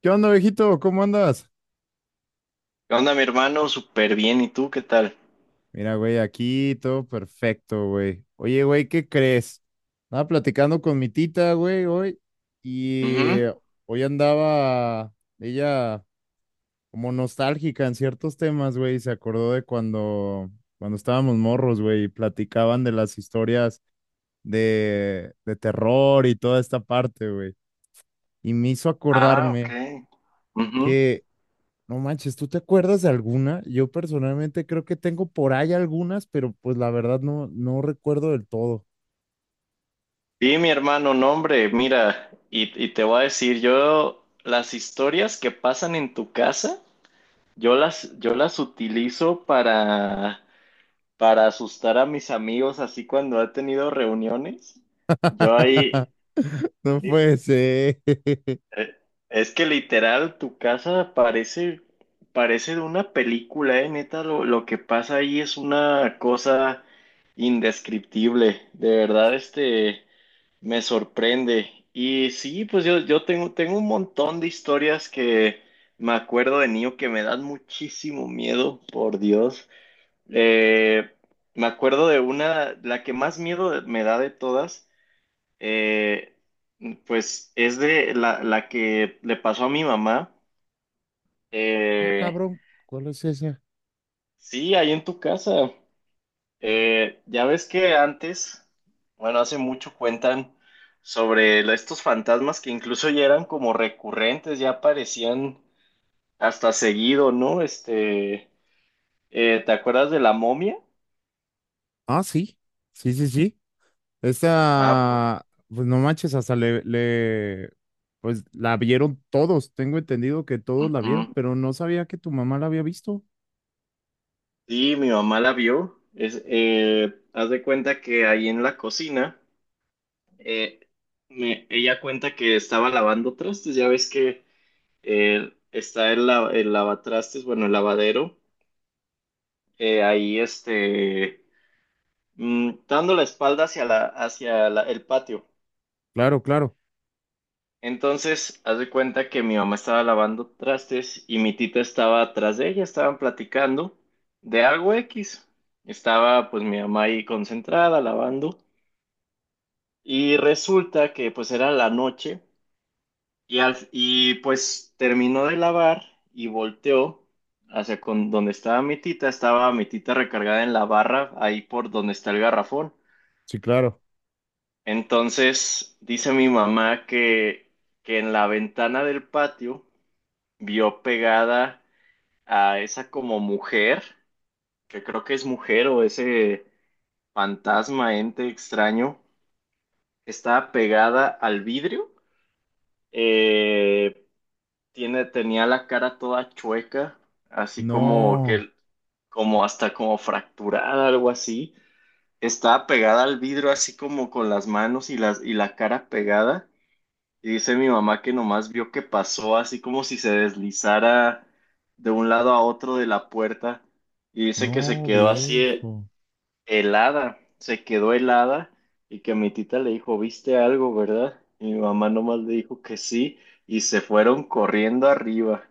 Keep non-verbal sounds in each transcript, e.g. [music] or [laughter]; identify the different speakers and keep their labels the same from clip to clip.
Speaker 1: ¿Qué onda, viejito? ¿Cómo andas?
Speaker 2: ¿Qué onda, mi hermano? Súper bien. ¿Y tú qué tal?
Speaker 1: Mira, güey, aquí todo perfecto, güey. Oye, güey, ¿qué crees? Estaba platicando con mi tita, güey, hoy, y
Speaker 2: Ujú.
Speaker 1: hoy andaba ella como nostálgica en ciertos temas, güey, y se acordó de cuando estábamos morros, güey, y platicaban de las historias de terror y toda esta parte, güey. Y me hizo
Speaker 2: Ah, ok.
Speaker 1: acordarme.
Speaker 2: Ujú.
Speaker 1: No manches, ¿tú te acuerdas de alguna? Yo personalmente creo que tengo por ahí algunas, pero pues la verdad no recuerdo del todo.
Speaker 2: Sí, mi hermano, no, hombre, mira, y te voy a decir, yo las historias que pasan en tu casa, yo las utilizo para asustar a mis amigos, así cuando he tenido reuniones. Yo ahí.
Speaker 1: [laughs] No puede ser. [laughs]
Speaker 2: Eh, Es que literal tu casa parece de una película, neta, lo que pasa ahí es una cosa indescriptible. De verdad, me sorprende. Y sí, pues yo tengo un montón de historias que me acuerdo de niño que me dan muchísimo miedo, por Dios. Eh, Me acuerdo de una, la que más miedo me da de todas, eh, pues es de la que le pasó a mi mamá.
Speaker 1: Ah,
Speaker 2: Eh,
Speaker 1: cabrón, ¿cuál es esa?
Speaker 2: sí, ahí en tu casa. Ya ves que antes, bueno, hace mucho cuentan sobre estos fantasmas que incluso ya eran como recurrentes, ya aparecían hasta seguido, ¿no? ¿Te acuerdas de la momia?
Speaker 1: Ah, sí, sí, sí, sí.
Speaker 2: Ah, pues,
Speaker 1: Esta, pues no manches, hasta pues la vieron todos. Tengo entendido que todos la vieron,
Speaker 2: ujú.
Speaker 1: pero no sabía que tu mamá la había visto.
Speaker 2: Sí, mi mamá la vio. Haz de cuenta que ahí en la cocina, eh, ella cuenta que estaba lavando trastes, ya ves que, está el lavatrastes, bueno, el lavadero, eh, ahí este, dando la espalda hacia, hacia el patio.
Speaker 1: Claro, claro,
Speaker 2: Entonces, haz de cuenta que mi mamá estaba lavando trastes y mi tita estaba atrás de ella, estaban platicando de algo X. Estaba pues mi mamá ahí concentrada lavando y resulta que pues era la noche. Y pues terminó de lavar y volteó hacia con donde estaba mi tita. Estaba mi tita recargada en la barra, ahí por donde está el garrafón.
Speaker 1: sí, claro.
Speaker 2: Entonces dice mi mamá que en la ventana del patio vio pegada a esa como mujer, que creo que es mujer o ese fantasma, ente extraño, estaba pegada al vidrio. Eh, tenía la cara toda chueca, así como
Speaker 1: No,
Speaker 2: como hasta como fracturada, algo así. Estaba pegada al vidrio, así como con las manos y y la cara pegada. Y dice mi mamá que nomás vio que pasó, así como si se deslizara de un lado a otro de la puerta. Y dice que se
Speaker 1: no,
Speaker 2: quedó así,
Speaker 1: viejo.
Speaker 2: helada, se quedó helada y que mi tita le dijo, ¿viste algo, verdad? Y mi mamá nomás le dijo que sí y se fueron corriendo arriba.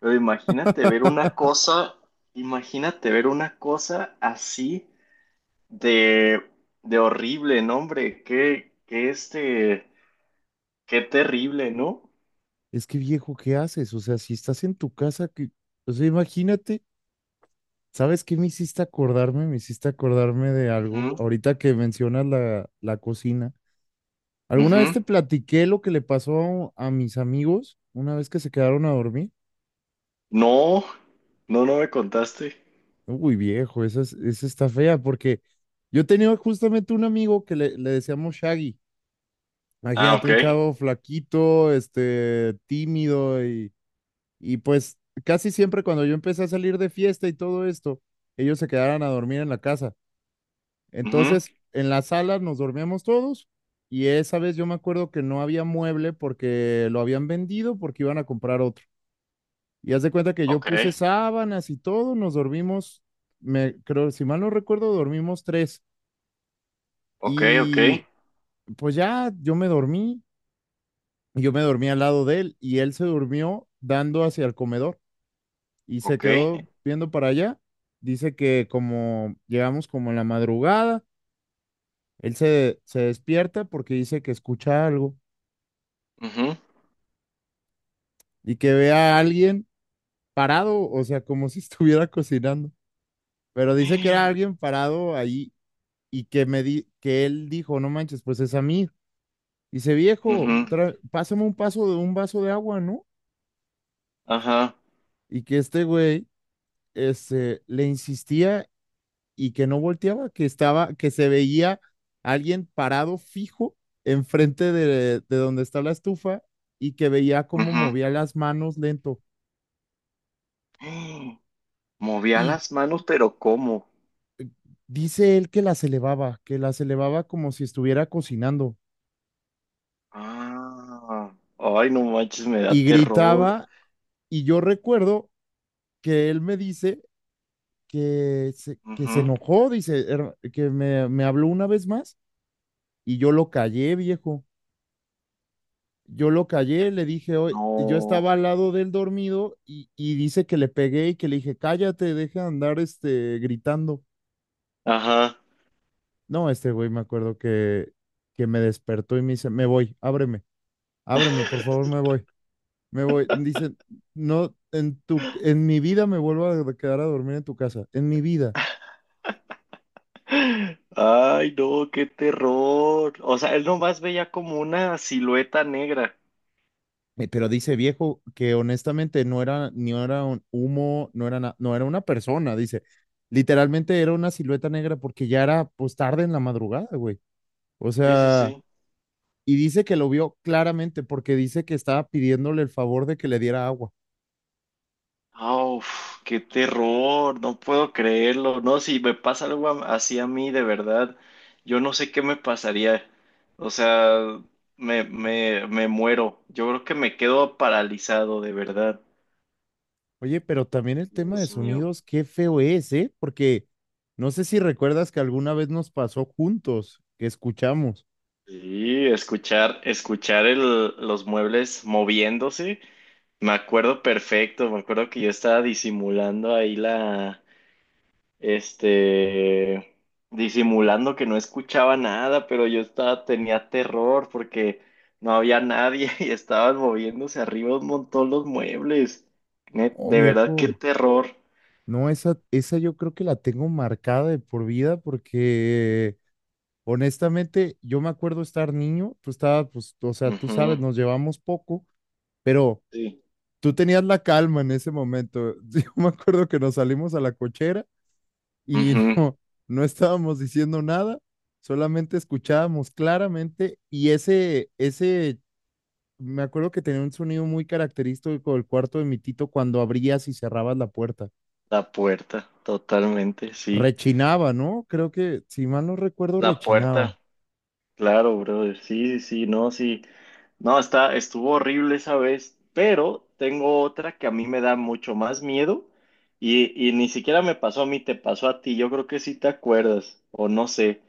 Speaker 2: Pero imagínate ver una
Speaker 1: [laughs]
Speaker 2: cosa, imagínate ver una cosa así de, de horrible, no, hombre, qué terrible, ¿no?
Speaker 1: Es que viejo, ¿qué haces? O sea, si estás en tu casa, que, o sea, imagínate, ¿sabes qué me hiciste acordarme? Me hiciste acordarme de algo.
Speaker 2: Ujú,
Speaker 1: Ahorita que mencionas la cocina. ¿Alguna vez
Speaker 2: ujú.
Speaker 1: te platiqué lo que le pasó a mis amigos una vez que se quedaron a dormir?
Speaker 2: No, no, no me contaste.
Speaker 1: Uy, viejo, esa, esa está fea porque yo tenía justamente un amigo que le decíamos Shaggy.
Speaker 2: Ah,
Speaker 1: Imagínate,
Speaker 2: ok.
Speaker 1: un chavo flaquito, este, tímido. Y pues casi siempre cuando yo empecé a salir de fiesta y todo esto, ellos se quedaron a dormir en la casa.
Speaker 2: Ujú.
Speaker 1: Entonces, en la sala nos dormíamos todos, y esa vez yo me acuerdo que no había mueble porque lo habían vendido porque iban a comprar otro. Y haz de cuenta que yo
Speaker 2: Ok,
Speaker 1: puse sábanas y todo, nos dormimos, me creo, si mal no recuerdo, dormimos tres.
Speaker 2: ok, ok,
Speaker 1: Y pues ya yo me dormí al lado de él y él se durmió dando hacia el comedor, y se
Speaker 2: ok.
Speaker 1: quedó viendo para allá. Dice que como llegamos como en la madrugada, él se despierta porque dice que escucha algo
Speaker 2: Ujú.
Speaker 1: y que ve a alguien parado, o sea, como si [laughs] estuviera cocinando. Pero dice que era
Speaker 2: Ujú,
Speaker 1: alguien parado ahí y que me di, que él dijo, no manches, pues es a mí. Dice, viejo, pásame un paso de un vaso de agua, ¿no?
Speaker 2: ajá,
Speaker 1: Y que este güey, este, le insistía y que no volteaba, que estaba, que se veía alguien parado fijo enfrente de donde está la estufa y que veía cómo
Speaker 2: ujú.
Speaker 1: movía las manos lento.
Speaker 2: Movía
Speaker 1: Y
Speaker 2: las manos, pero ¿cómo?
Speaker 1: dice él que las elevaba como si estuviera cocinando
Speaker 2: Ah, ay, no manches, me da
Speaker 1: y
Speaker 2: terror.
Speaker 1: gritaba. Y yo recuerdo que él me dice que se
Speaker 2: Ujú.
Speaker 1: enojó, dice, "Que me habló una vez más y yo lo callé, viejo. Yo lo callé,
Speaker 2: Eh,
Speaker 1: le dije, hoy, yo
Speaker 2: No,
Speaker 1: estaba al lado del dormido y dice que le pegué y que le dije, cállate, deja de andar este, gritando.
Speaker 2: ajá.
Speaker 1: No, este güey me acuerdo que me despertó y me dice, me voy, ábreme, ábreme, por favor, me voy, me voy. Dice, no, en tu, en mi vida me vuelvo a quedar a dormir en tu casa, en mi vida.
Speaker 2: Ay, no, qué terror. O sea, él nomás veía como una silueta negra.
Speaker 1: Pero dice viejo que honestamente no era, ni era un humo, no era, no era una persona, dice. Literalmente era una silueta negra porque ya era pues tarde en la madrugada, güey. O
Speaker 2: Sí, sí,
Speaker 1: sea,
Speaker 2: sí.
Speaker 1: y dice que lo vio claramente porque dice que estaba pidiéndole el favor de que le diera agua.
Speaker 2: Ah, uf, qué terror, no puedo creerlo. No, si me pasa algo así a mí, de verdad, yo no sé qué me pasaría. O sea, me muero. Yo creo que me quedo paralizado, de verdad.
Speaker 1: Oye, pero también el tema de
Speaker 2: Dios mío.
Speaker 1: sonidos, qué feo es, ¿eh? Porque no sé si recuerdas que alguna vez nos pasó juntos, que escuchamos.
Speaker 2: Sí, escuchar los muebles moviéndose. Me acuerdo perfecto, me acuerdo que yo estaba disimulando ahí la, este, disimulando que no escuchaba nada, pero yo estaba, tenía terror porque no había nadie [laughs] y estaban moviéndose arriba un montón los muebles.
Speaker 1: Oh,
Speaker 2: De verdad, qué
Speaker 1: viejo,
Speaker 2: terror.
Speaker 1: no, esa yo creo que la tengo marcada de por vida porque... Honestamente, yo me acuerdo estar niño, tú estabas, pues, o sea, tú sabes,
Speaker 2: Ujú.
Speaker 1: nos llevamos poco, pero
Speaker 2: Sí.
Speaker 1: tú tenías la calma en ese momento. [laughs] Yo me acuerdo que nos salimos a la cochera y [laughs]
Speaker 2: Ujú.
Speaker 1: no, no estábamos diciendo nada, solamente escuchábamos claramente y ese, me acuerdo que tenía un sonido muy característico del cuarto de mi tito cuando abrías y cerrabas la puerta.
Speaker 2: La puerta, totalmente, sí.
Speaker 1: Rechinaba, ¿no? Creo que, si mal no recuerdo,
Speaker 2: La
Speaker 1: rechinaba.
Speaker 2: puerta. Claro, brother. Sí, sí, sí, no, sí. No, estuvo horrible esa vez, pero tengo otra que a mí me da mucho más miedo y ni siquiera me pasó a mí, te pasó a ti. Yo creo que sí te acuerdas, o no sé.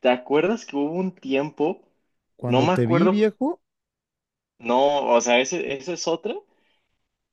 Speaker 2: ¿Te acuerdas que hubo un tiempo? No
Speaker 1: Cuando
Speaker 2: me
Speaker 1: te vi,
Speaker 2: acuerdo,
Speaker 1: viejo.
Speaker 2: no, o sea, ese, esa es otra,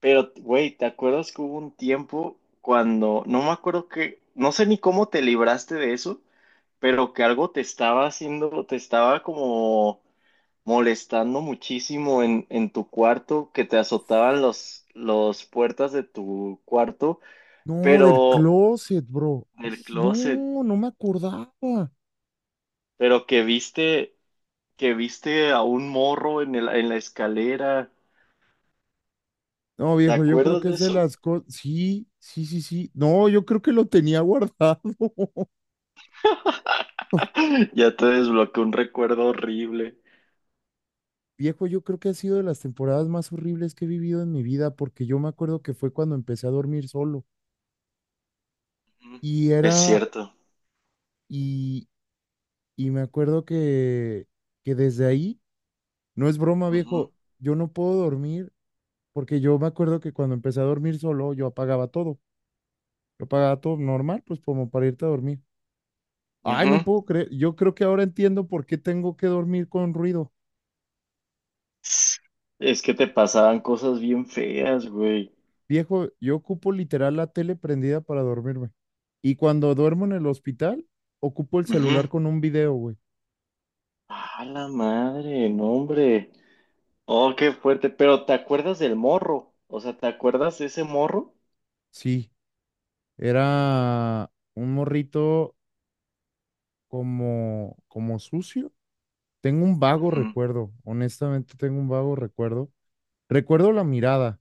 Speaker 2: pero, güey, ¿te acuerdas que hubo un tiempo cuando, no me acuerdo que, no sé ni cómo te libraste de eso, pero que algo te estaba haciendo, te estaba como molestando muchísimo en tu cuarto, que te azotaban los puertas de tu cuarto,
Speaker 1: No, del
Speaker 2: pero
Speaker 1: closet, bro.
Speaker 2: del
Speaker 1: Ij,
Speaker 2: closet,
Speaker 1: no, no me acordaba.
Speaker 2: pero que viste a un morro en en la escalera.
Speaker 1: No,
Speaker 2: ¿Te
Speaker 1: viejo, yo creo
Speaker 2: acuerdas
Speaker 1: que
Speaker 2: de
Speaker 1: es de
Speaker 2: eso? [clears throat]
Speaker 1: las cosas. Sí, sí, sí, sí. No, yo creo que lo tenía guardado. [laughs]
Speaker 2: [laughs] Ya te desbloqueó un recuerdo horrible.
Speaker 1: Viejo, yo creo que ha sido de las temporadas más horribles que he vivido en mi vida, porque yo me acuerdo que fue cuando empecé a dormir solo.
Speaker 2: Ujú.
Speaker 1: Y
Speaker 2: Es
Speaker 1: era,
Speaker 2: cierto.
Speaker 1: y, y me acuerdo que desde ahí, no es broma,
Speaker 2: Ujú,
Speaker 1: viejo, yo no puedo dormir, porque yo me acuerdo que cuando empecé a dormir solo, yo apagaba todo. Yo apagaba todo normal, pues como para irte a dormir. Ay, no
Speaker 2: ujú.
Speaker 1: puedo creer. Yo creo que ahora entiendo por qué tengo que dormir con ruido.
Speaker 2: Es que te pasaban cosas bien feas, güey.
Speaker 1: Viejo, yo ocupo literal la tele prendida para dormirme. Y cuando duermo en el hospital, ocupo el
Speaker 2: Ujú.
Speaker 1: celular con un video, güey.
Speaker 2: A la madre, no, hombre. Oh, qué fuerte. Pero ¿te acuerdas del morro? O sea, ¿te acuerdas de ese morro?
Speaker 1: Sí, era un morrito como sucio. Tengo un vago
Speaker 2: Ujú.
Speaker 1: recuerdo, honestamente tengo un vago recuerdo. Recuerdo la mirada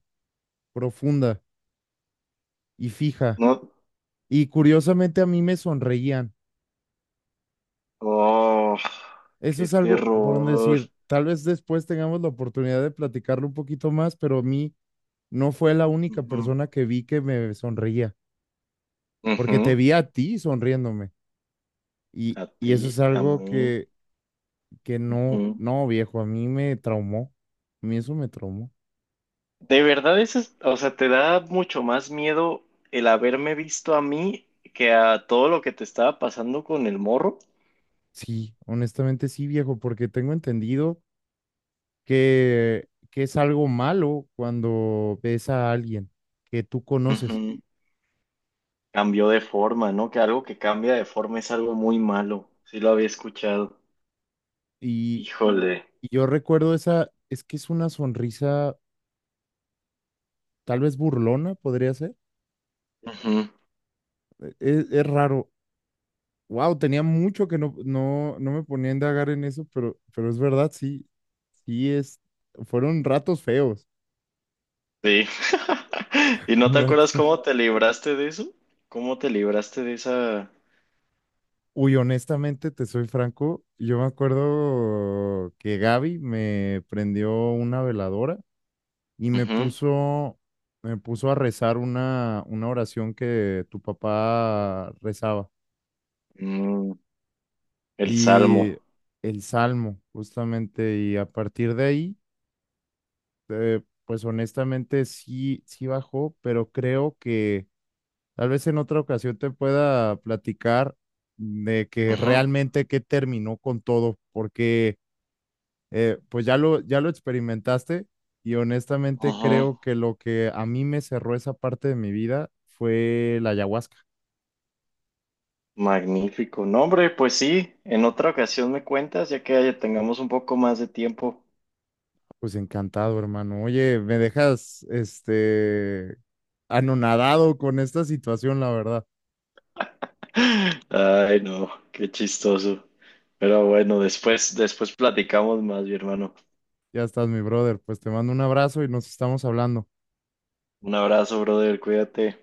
Speaker 1: profunda y fija.
Speaker 2: No.
Speaker 1: Y curiosamente a mí me sonreían.
Speaker 2: Oh,
Speaker 1: Eso
Speaker 2: qué
Speaker 1: es algo por no
Speaker 2: terror.
Speaker 1: decir, tal vez después tengamos la oportunidad de platicarlo un poquito más, pero a mí no fue la única
Speaker 2: Ujú.
Speaker 1: persona que vi que me sonreía, porque te
Speaker 2: Ujú.
Speaker 1: vi a ti sonriéndome. Y,
Speaker 2: A
Speaker 1: y
Speaker 2: ti,
Speaker 1: eso es
Speaker 2: a
Speaker 1: algo
Speaker 2: mí.
Speaker 1: que no,
Speaker 2: Ujú.
Speaker 1: no, viejo, a mí me traumó. A mí eso me traumó.
Speaker 2: De verdad, eso es, o sea, te da mucho más miedo el haberme visto a mí que a todo lo que te estaba pasando con el morro.
Speaker 1: Sí, honestamente sí, viejo, porque tengo entendido que es algo malo cuando ves a alguien que tú conoces.
Speaker 2: Ujú. Cambió de forma, ¿no? Que algo que cambia de forma es algo muy malo. Sí lo había escuchado.
Speaker 1: Y,
Speaker 2: Híjole.
Speaker 1: y yo recuerdo esa, es que es una sonrisa tal vez burlona podría ser.
Speaker 2: Ujú.
Speaker 1: Es raro. Wow, tenía mucho que no me ponía a indagar en eso, pero es verdad, sí, sí es, fueron ratos feos.
Speaker 2: Sí. [laughs] ¿Y
Speaker 1: [laughs]
Speaker 2: no te acuerdas
Speaker 1: ratos-
Speaker 2: cómo te libraste de eso? ¿Cómo te libraste de esa...
Speaker 1: Uy, honestamente, te soy franco, yo me acuerdo que Gaby me prendió una veladora y
Speaker 2: Ujú.
Speaker 1: me puso a rezar una oración que tu papá rezaba
Speaker 2: Mm, el
Speaker 1: y
Speaker 2: salmo.
Speaker 1: el salmo, justamente, y a partir de ahí. Pues honestamente sí, sí bajó, pero creo que tal vez en otra ocasión te pueda platicar de que
Speaker 2: Ujú,
Speaker 1: realmente qué terminó con todo, porque pues ya lo experimentaste y honestamente
Speaker 2: ujú.
Speaker 1: creo que lo que a mí me cerró esa parte de mi vida fue la ayahuasca.
Speaker 2: Magnífico. No, hombre, pues sí, en otra ocasión me cuentas, ya que ya tengamos un poco más de tiempo.
Speaker 1: Pues encantado, hermano. Oye, me dejas este anonadado con esta situación, la verdad.
Speaker 2: [laughs] Ay, no, qué chistoso. Pero bueno, después, después platicamos más, mi hermano.
Speaker 1: Ya estás, mi brother. Pues te mando un abrazo y nos estamos hablando.
Speaker 2: Un abrazo, brother, cuídate.